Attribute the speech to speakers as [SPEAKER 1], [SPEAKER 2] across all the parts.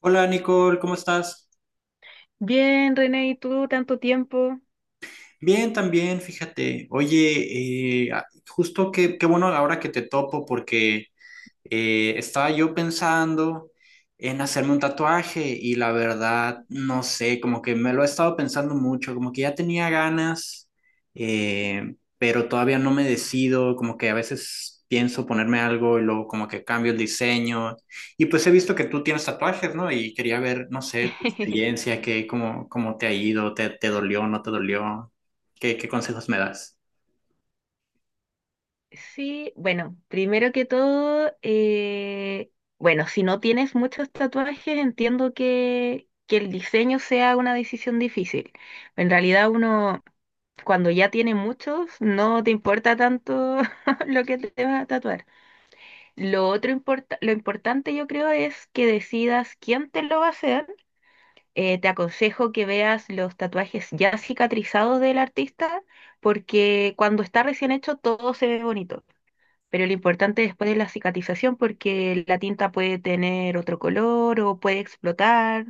[SPEAKER 1] Hola Nicole, ¿cómo estás?
[SPEAKER 2] Bien, René, ¿y tú tanto tiempo?
[SPEAKER 1] Bien, también, fíjate. Oye, justo que, qué bueno ahora que te topo porque estaba yo pensando en hacerme un tatuaje y la verdad, no sé, como que me lo he estado pensando mucho, como que ya tenía ganas, pero todavía no me decido, como que a veces pienso ponerme algo y luego como que cambio el diseño. Y pues he visto que tú tienes tatuajes, ¿no? Y quería ver, no sé, tu experiencia, qué, cómo, cómo te ha ido, te dolió, no te dolió, qué, qué consejos me das.
[SPEAKER 2] Sí, bueno, primero que todo, bueno, si no tienes muchos tatuajes, entiendo que el diseño sea una decisión difícil. En realidad uno, cuando ya tiene muchos, no te importa tanto lo que te vas a tatuar. Lo importante yo creo es que decidas quién te lo va a hacer. Te aconsejo que veas los tatuajes ya cicatrizados del artista, porque cuando está recién hecho todo se ve bonito, pero lo importante después es la cicatrización porque la tinta puede tener otro color o puede explotar.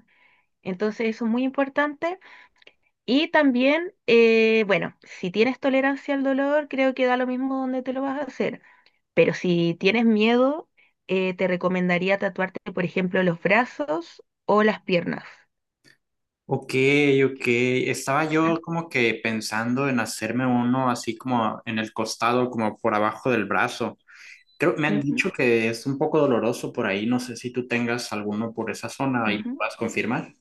[SPEAKER 2] Entonces eso es muy importante. Y también, bueno, si tienes tolerancia al dolor, creo que da lo mismo donde te lo vas a hacer. Pero si tienes miedo, te recomendaría tatuarte, por ejemplo, los brazos o las piernas.
[SPEAKER 1] Ok, ok. Estaba yo como que pensando en hacerme uno así como en el costado, como por abajo del brazo. Creo, me han dicho
[SPEAKER 2] Ujú.
[SPEAKER 1] que es un poco doloroso por ahí. No sé si tú tengas alguno por esa zona y
[SPEAKER 2] Ujú.
[SPEAKER 1] puedas confirmar.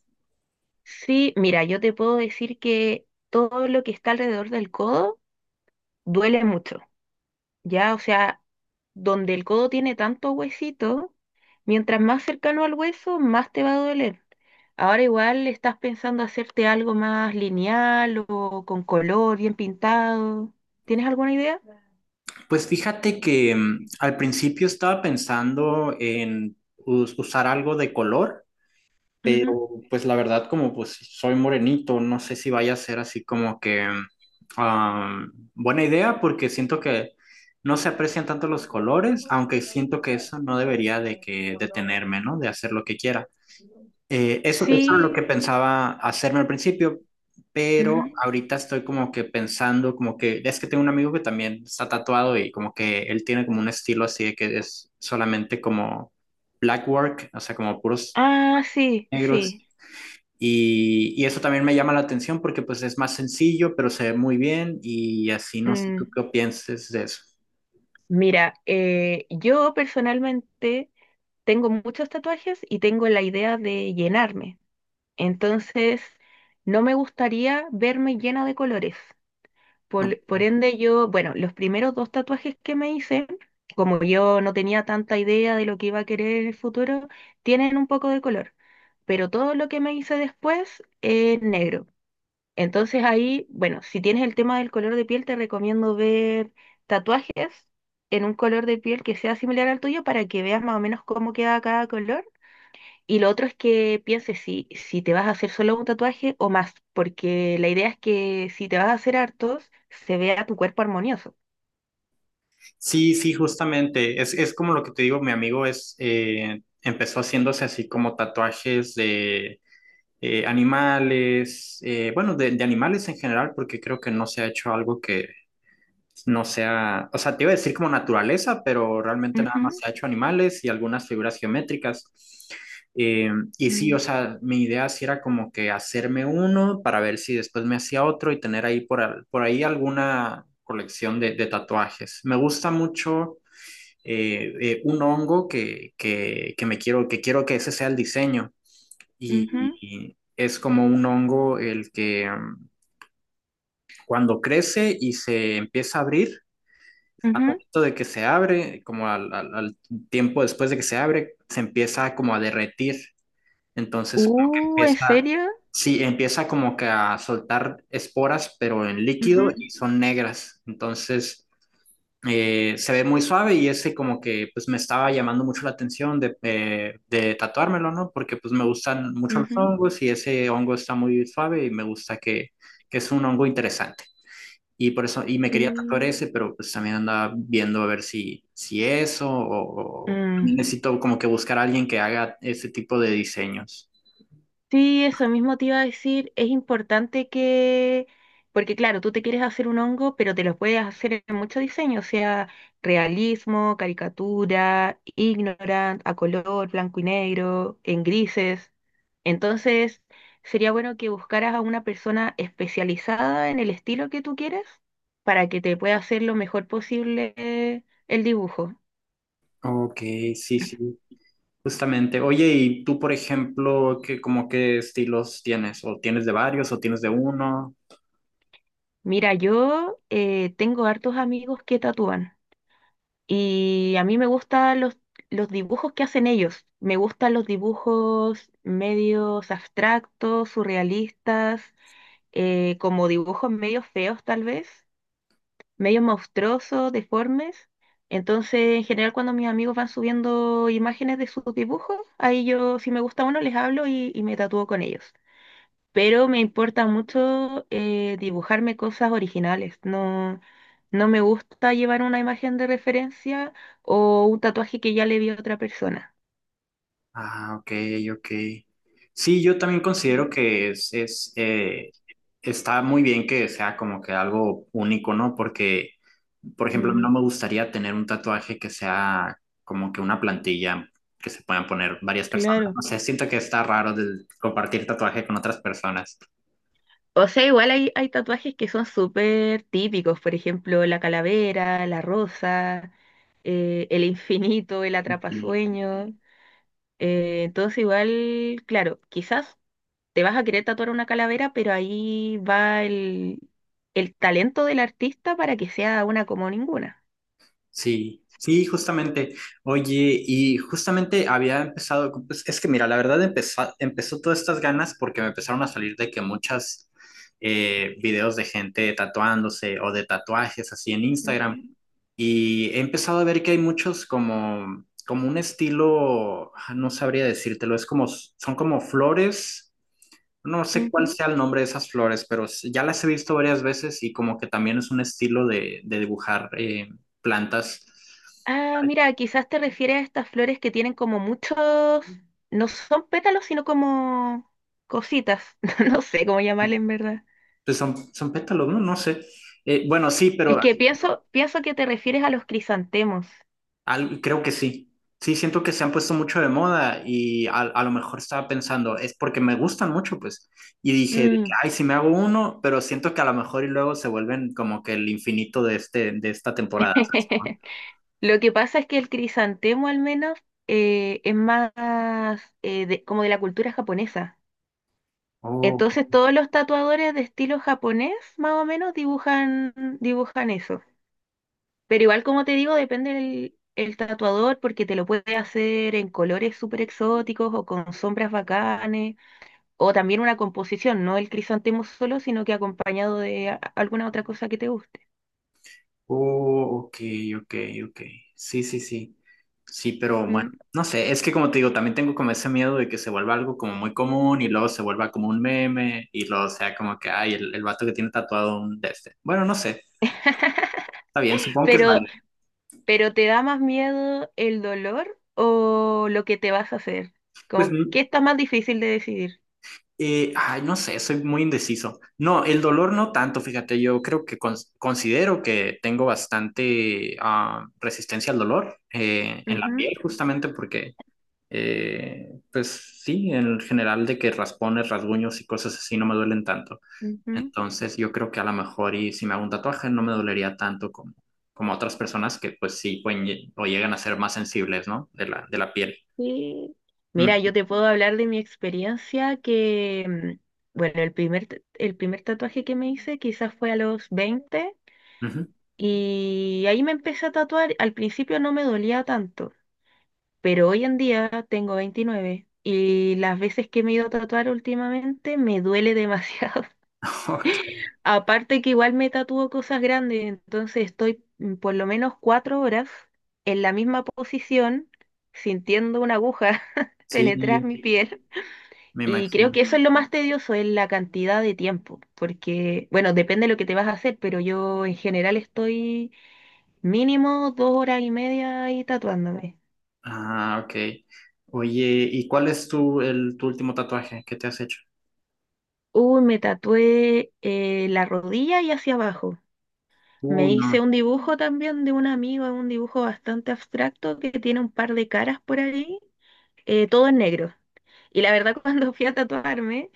[SPEAKER 2] Sí, mira, yo te puedo decir que todo lo que está alrededor del codo duele mucho. Ya, o sea, donde el codo tiene tanto huesito, mientras más cercano al hueso, más te va a doler. Ahora igual estás pensando hacerte algo más lineal o con color, bien pintado. ¿Tienes alguna idea?
[SPEAKER 1] Pues fíjate que al principio estaba pensando en usar algo de color,
[SPEAKER 2] Ujú.
[SPEAKER 1] pero pues la verdad, como pues soy morenito, no sé si vaya a ser así como que ah, buena idea porque siento que no se aprecian tanto los colores, aunque siento que eso no debería de que detenerme, ¿no? De hacer lo que quiera. Eso es lo que
[SPEAKER 2] Sí.
[SPEAKER 1] pensaba hacerme al principio, pero
[SPEAKER 2] Ujú.
[SPEAKER 1] ahorita estoy como que pensando, como que es que tengo un amigo que también está tatuado y como que él tiene como un estilo así de que es solamente como black work, o sea, como puros
[SPEAKER 2] Ah, sí,
[SPEAKER 1] negros.
[SPEAKER 2] sí.
[SPEAKER 1] Y eso también me llama la atención porque pues es más sencillo, pero se ve muy bien y así no sé tú
[SPEAKER 2] Mm.
[SPEAKER 1] qué pienses de eso,
[SPEAKER 2] Mira, yo personalmente tengo muchos tatuajes y tengo la idea de llenarme. Entonces, no me gustaría verme llena de colores.
[SPEAKER 1] ¿no?
[SPEAKER 2] Por ende, yo, bueno, los primeros dos tatuajes que me hice, como yo no tenía tanta idea de lo que iba a querer en el futuro, tienen un poco de color, pero todo lo que me hice después es negro. Entonces ahí, bueno, si tienes el tema del color de piel, te recomiendo ver tatuajes en un color de piel que sea similar al tuyo para que veas más o menos cómo queda cada color, y lo otro es que pienses si te vas a hacer solo un tatuaje o más, porque la idea es que si te vas a hacer hartos, se vea tu cuerpo armonioso.
[SPEAKER 1] Sí, sí, justamente. Es como lo que te digo, mi amigo es, empezó haciéndose así como tatuajes de animales, bueno, de animales en general, porque creo que no se ha hecho algo que, no sea, o sea, te iba a decir como naturaleza, pero realmente nada más
[SPEAKER 2] Ujú.
[SPEAKER 1] se ha hecho animales y algunas figuras geométricas. Eh, y sí,
[SPEAKER 2] Mm.
[SPEAKER 1] o sea, mi idea sí era como que hacerme uno para ver si después me hacía otro y tener ahí por, por ahí alguna colección de tatuajes. Me gusta mucho un hongo que me quiero que ese sea el diseño. Y,
[SPEAKER 2] Ujú.
[SPEAKER 1] y es como un hongo el que cuando crece y se empieza a abrir, al
[SPEAKER 2] Ujú.
[SPEAKER 1] momento de que se abre, como al tiempo después de que se abre, se empieza como a derretir. Entonces, como que
[SPEAKER 2] ¿En
[SPEAKER 1] empieza,
[SPEAKER 2] serio?
[SPEAKER 1] sí, empieza como que a soltar esporas, pero en líquido y
[SPEAKER 2] Ujú,
[SPEAKER 1] son negras. Entonces, se ve muy suave y ese como que pues me estaba llamando mucho la atención de tatuármelo, ¿no? Porque pues me gustan mucho los
[SPEAKER 2] ujú,
[SPEAKER 1] hongos y ese hongo está muy suave y me gusta que es un hongo interesante. Y por eso, y me quería tatuar
[SPEAKER 2] sí.
[SPEAKER 1] ese, pero pues también andaba viendo a ver si, si eso, o también
[SPEAKER 2] Mm.
[SPEAKER 1] necesito como que buscar a alguien que haga ese tipo de diseños.
[SPEAKER 2] Sí, eso mismo te iba a decir, es importante que, porque claro, tú te quieres hacer un hongo, pero te lo puedes hacer en mucho diseño, o sea, realismo, caricatura, ignorant, a color, blanco y negro, en grises. Entonces, sería bueno que buscaras a una persona especializada en el estilo que tú quieres para que te pueda hacer lo mejor posible el dibujo.
[SPEAKER 1] Ok, sí, sí, justamente. Oye, ¿y tú, por ejemplo, qué, como qué estilos tienes? ¿O tienes de varios o tienes de uno?
[SPEAKER 2] Mira, yo tengo hartos amigos que tatúan. Y a mí me gustan los dibujos que hacen ellos. Me gustan los dibujos medios abstractos, surrealistas, como dibujos medios feos tal vez, medios monstruosos, deformes. Entonces, en general, cuando mis amigos van subiendo imágenes de sus dibujos, ahí yo, si me gusta uno, les hablo y me tatúo con ellos, pero me importa mucho dibujarme cosas originales. No, no me gusta llevar una imagen de referencia o un tatuaje que ya le vi a otra persona.
[SPEAKER 1] Ah, ok, ok. Sí, yo también considero que es está muy bien que sea como que algo único, ¿no? Porque, por ejemplo, no
[SPEAKER 2] Mm,
[SPEAKER 1] me gustaría tener un tatuaje que sea como que una plantilla que se puedan poner varias personas.
[SPEAKER 2] claro.
[SPEAKER 1] No sé, siento que está raro del compartir tatuaje con otras personas.
[SPEAKER 2] O sea, igual hay tatuajes que son súper típicos, por ejemplo, la calavera, la rosa, el infinito, el atrapasueño. Entonces igual, claro, quizás te vas a querer tatuar una calavera, pero ahí va el talento del artista para que sea una como ninguna.
[SPEAKER 1] Sí, sí, justamente. Oye, y justamente había empezado, pues, es que mira, la verdad empezó, empezó todas estas ganas porque me empezaron a salir de que muchas videos de gente tatuándose o de tatuajes así en Instagram.
[SPEAKER 2] Mm.
[SPEAKER 1] Y he empezado a ver que hay muchos como, como un estilo, ah, no sabría decírtelo, es como, son como flores. No sé cuál
[SPEAKER 2] Ujú.
[SPEAKER 1] sea el nombre de esas flores, pero ya las he visto varias veces y como que también es un estilo de dibujar plantas.
[SPEAKER 2] Ah, mira, quizás te refieres a estas flores que tienen como muchos, no son pétalos, sino como cositas. No sé cómo llamarle en verdad.
[SPEAKER 1] Pues son, son pétalos, ¿no? No sé. Bueno, sí, pero
[SPEAKER 2] Es que pienso que te refieres a los crisantemos.
[SPEAKER 1] creo que sí. Sí, siento que se han puesto mucho de moda y a lo mejor estaba pensando, es porque me gustan mucho, pues. Y dije, de que,
[SPEAKER 2] Mm.
[SPEAKER 1] ay, si me hago uno, pero siento que a lo mejor y luego se vuelven como que el infinito de, este, de esta temporada. ¿Sabes?
[SPEAKER 2] Lo que pasa es que el crisantemo al menos es más como de la cultura japonesa. Entonces todos los tatuadores de estilo japonés, más o menos, dibujan eso. Pero igual, como te digo, depende del el tatuador porque te lo puede hacer en colores súper exóticos o con sombras bacanes, o también una composición, no el crisantemo solo, sino que acompañado de alguna otra cosa que te guste.
[SPEAKER 1] Oh, ok, ok, ok. Sí, sí, sí. Sí, pero bueno,
[SPEAKER 2] ¿Mm?
[SPEAKER 1] no sé, es que como te digo, también tengo como ese miedo de que se vuelva algo como muy común y luego se vuelva como un meme y luego sea como que, ay, el vato que tiene tatuado un de este. Bueno, no sé, está bien, supongo que es
[SPEAKER 2] Pero,
[SPEAKER 1] válido.
[SPEAKER 2] pero ¿te da más miedo el dolor o lo que te vas a hacer?
[SPEAKER 1] Pues,
[SPEAKER 2] Como, ¿qué está más difícil de decidir?
[SPEAKER 1] ay, no sé, soy muy indeciso. No, el dolor no tanto, fíjate, yo creo que considero que tengo bastante ah, resistencia al dolor en la piel
[SPEAKER 2] Ujú,
[SPEAKER 1] justamente porque pues sí, en general de que raspones, rasguños y cosas así no me duelen tanto.
[SPEAKER 2] ujú.
[SPEAKER 1] Entonces yo creo que a lo mejor y si me hago un tatuaje no me dolería tanto como, como otras personas que pues sí pueden o llegan a ser más sensibles, ¿no? De la piel.
[SPEAKER 2] Sí. Mira,
[SPEAKER 1] Mm,
[SPEAKER 2] yo te puedo hablar de mi experiencia que, bueno, el primer tatuaje que me hice quizás fue a los 20
[SPEAKER 1] ujú.
[SPEAKER 2] y ahí me empecé a tatuar. Al principio no me dolía tanto, pero hoy en día tengo 29 y las veces que me he ido a tatuar últimamente me duele demasiado.
[SPEAKER 1] Ok,
[SPEAKER 2] Aparte que igual me tatúo cosas grandes, entonces estoy por lo menos 4 horas en la misma posición sintiendo una aguja
[SPEAKER 1] sí,
[SPEAKER 2] penetrar mi piel.
[SPEAKER 1] me
[SPEAKER 2] Y creo
[SPEAKER 1] imagino.
[SPEAKER 2] que eso es lo más tedioso, es la cantidad de tiempo, porque, bueno, depende de lo que te vas a hacer, pero yo en general estoy mínimo 2 horas y media ahí tatuándome.
[SPEAKER 1] Ah, ok. Oye, ¿y cuál es tu, el, tu último tatuaje que te has hecho?
[SPEAKER 2] Uy, me tatué la rodilla y hacia abajo. Me
[SPEAKER 1] Uy,
[SPEAKER 2] hice
[SPEAKER 1] no.
[SPEAKER 2] un dibujo también de un amigo, un dibujo bastante abstracto que tiene un par de caras por ahí, todo en negro. Y la verdad, cuando fui a tatuarme,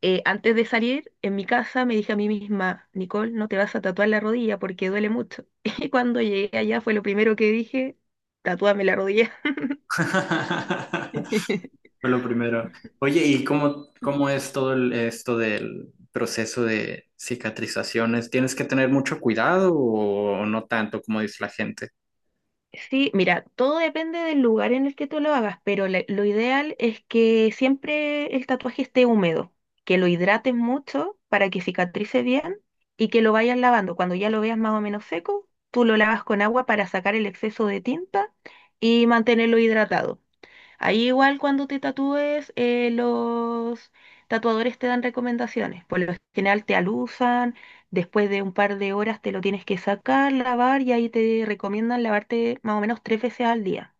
[SPEAKER 2] antes de salir, en mi casa me dije a mí misma: Nicole, no te vas a tatuar la rodilla porque duele mucho. Y cuando llegué allá fue lo primero que dije, tatúame la rodilla.
[SPEAKER 1] Fue lo primero. Oye, ¿y cómo, cómo es todo esto del proceso de cicatrizaciones? ¿Tienes que tener mucho cuidado o no tanto como dice la gente?
[SPEAKER 2] Sí, mira, todo depende del lugar en el que tú lo hagas, pero lo ideal es que siempre el tatuaje esté húmedo, que lo hidrates mucho para que cicatrice bien y que lo vayas lavando. Cuando ya lo veas más o menos seco, tú lo lavas con agua para sacar el exceso de tinta y mantenerlo hidratado. Ahí igual cuando te tatúes, los tatuadores te dan recomendaciones. Por lo general te alusan, después de un par de horas te lo tienes que sacar, lavar y ahí te recomiendan lavarte más o menos tres veces al día.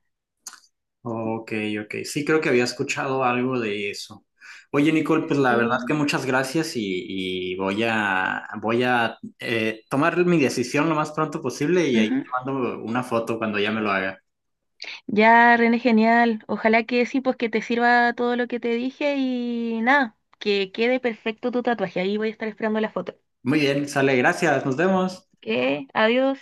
[SPEAKER 1] Ok, ok. Sí, creo que había escuchado algo de eso. Oye, Nicole, pues la verdad que
[SPEAKER 2] Sí.
[SPEAKER 1] muchas gracias y voy a, voy a tomar mi decisión lo más pronto posible y ahí te
[SPEAKER 2] Ujú.
[SPEAKER 1] mando una foto cuando ya me lo haga.
[SPEAKER 2] Ya, René, genial. Ojalá que sí, pues que te sirva todo lo que te dije y nada, que quede perfecto tu tatuaje. Ahí voy a estar esperando la foto.
[SPEAKER 1] Muy bien, sale, gracias, nos vemos.
[SPEAKER 2] ¿Qué? Adiós.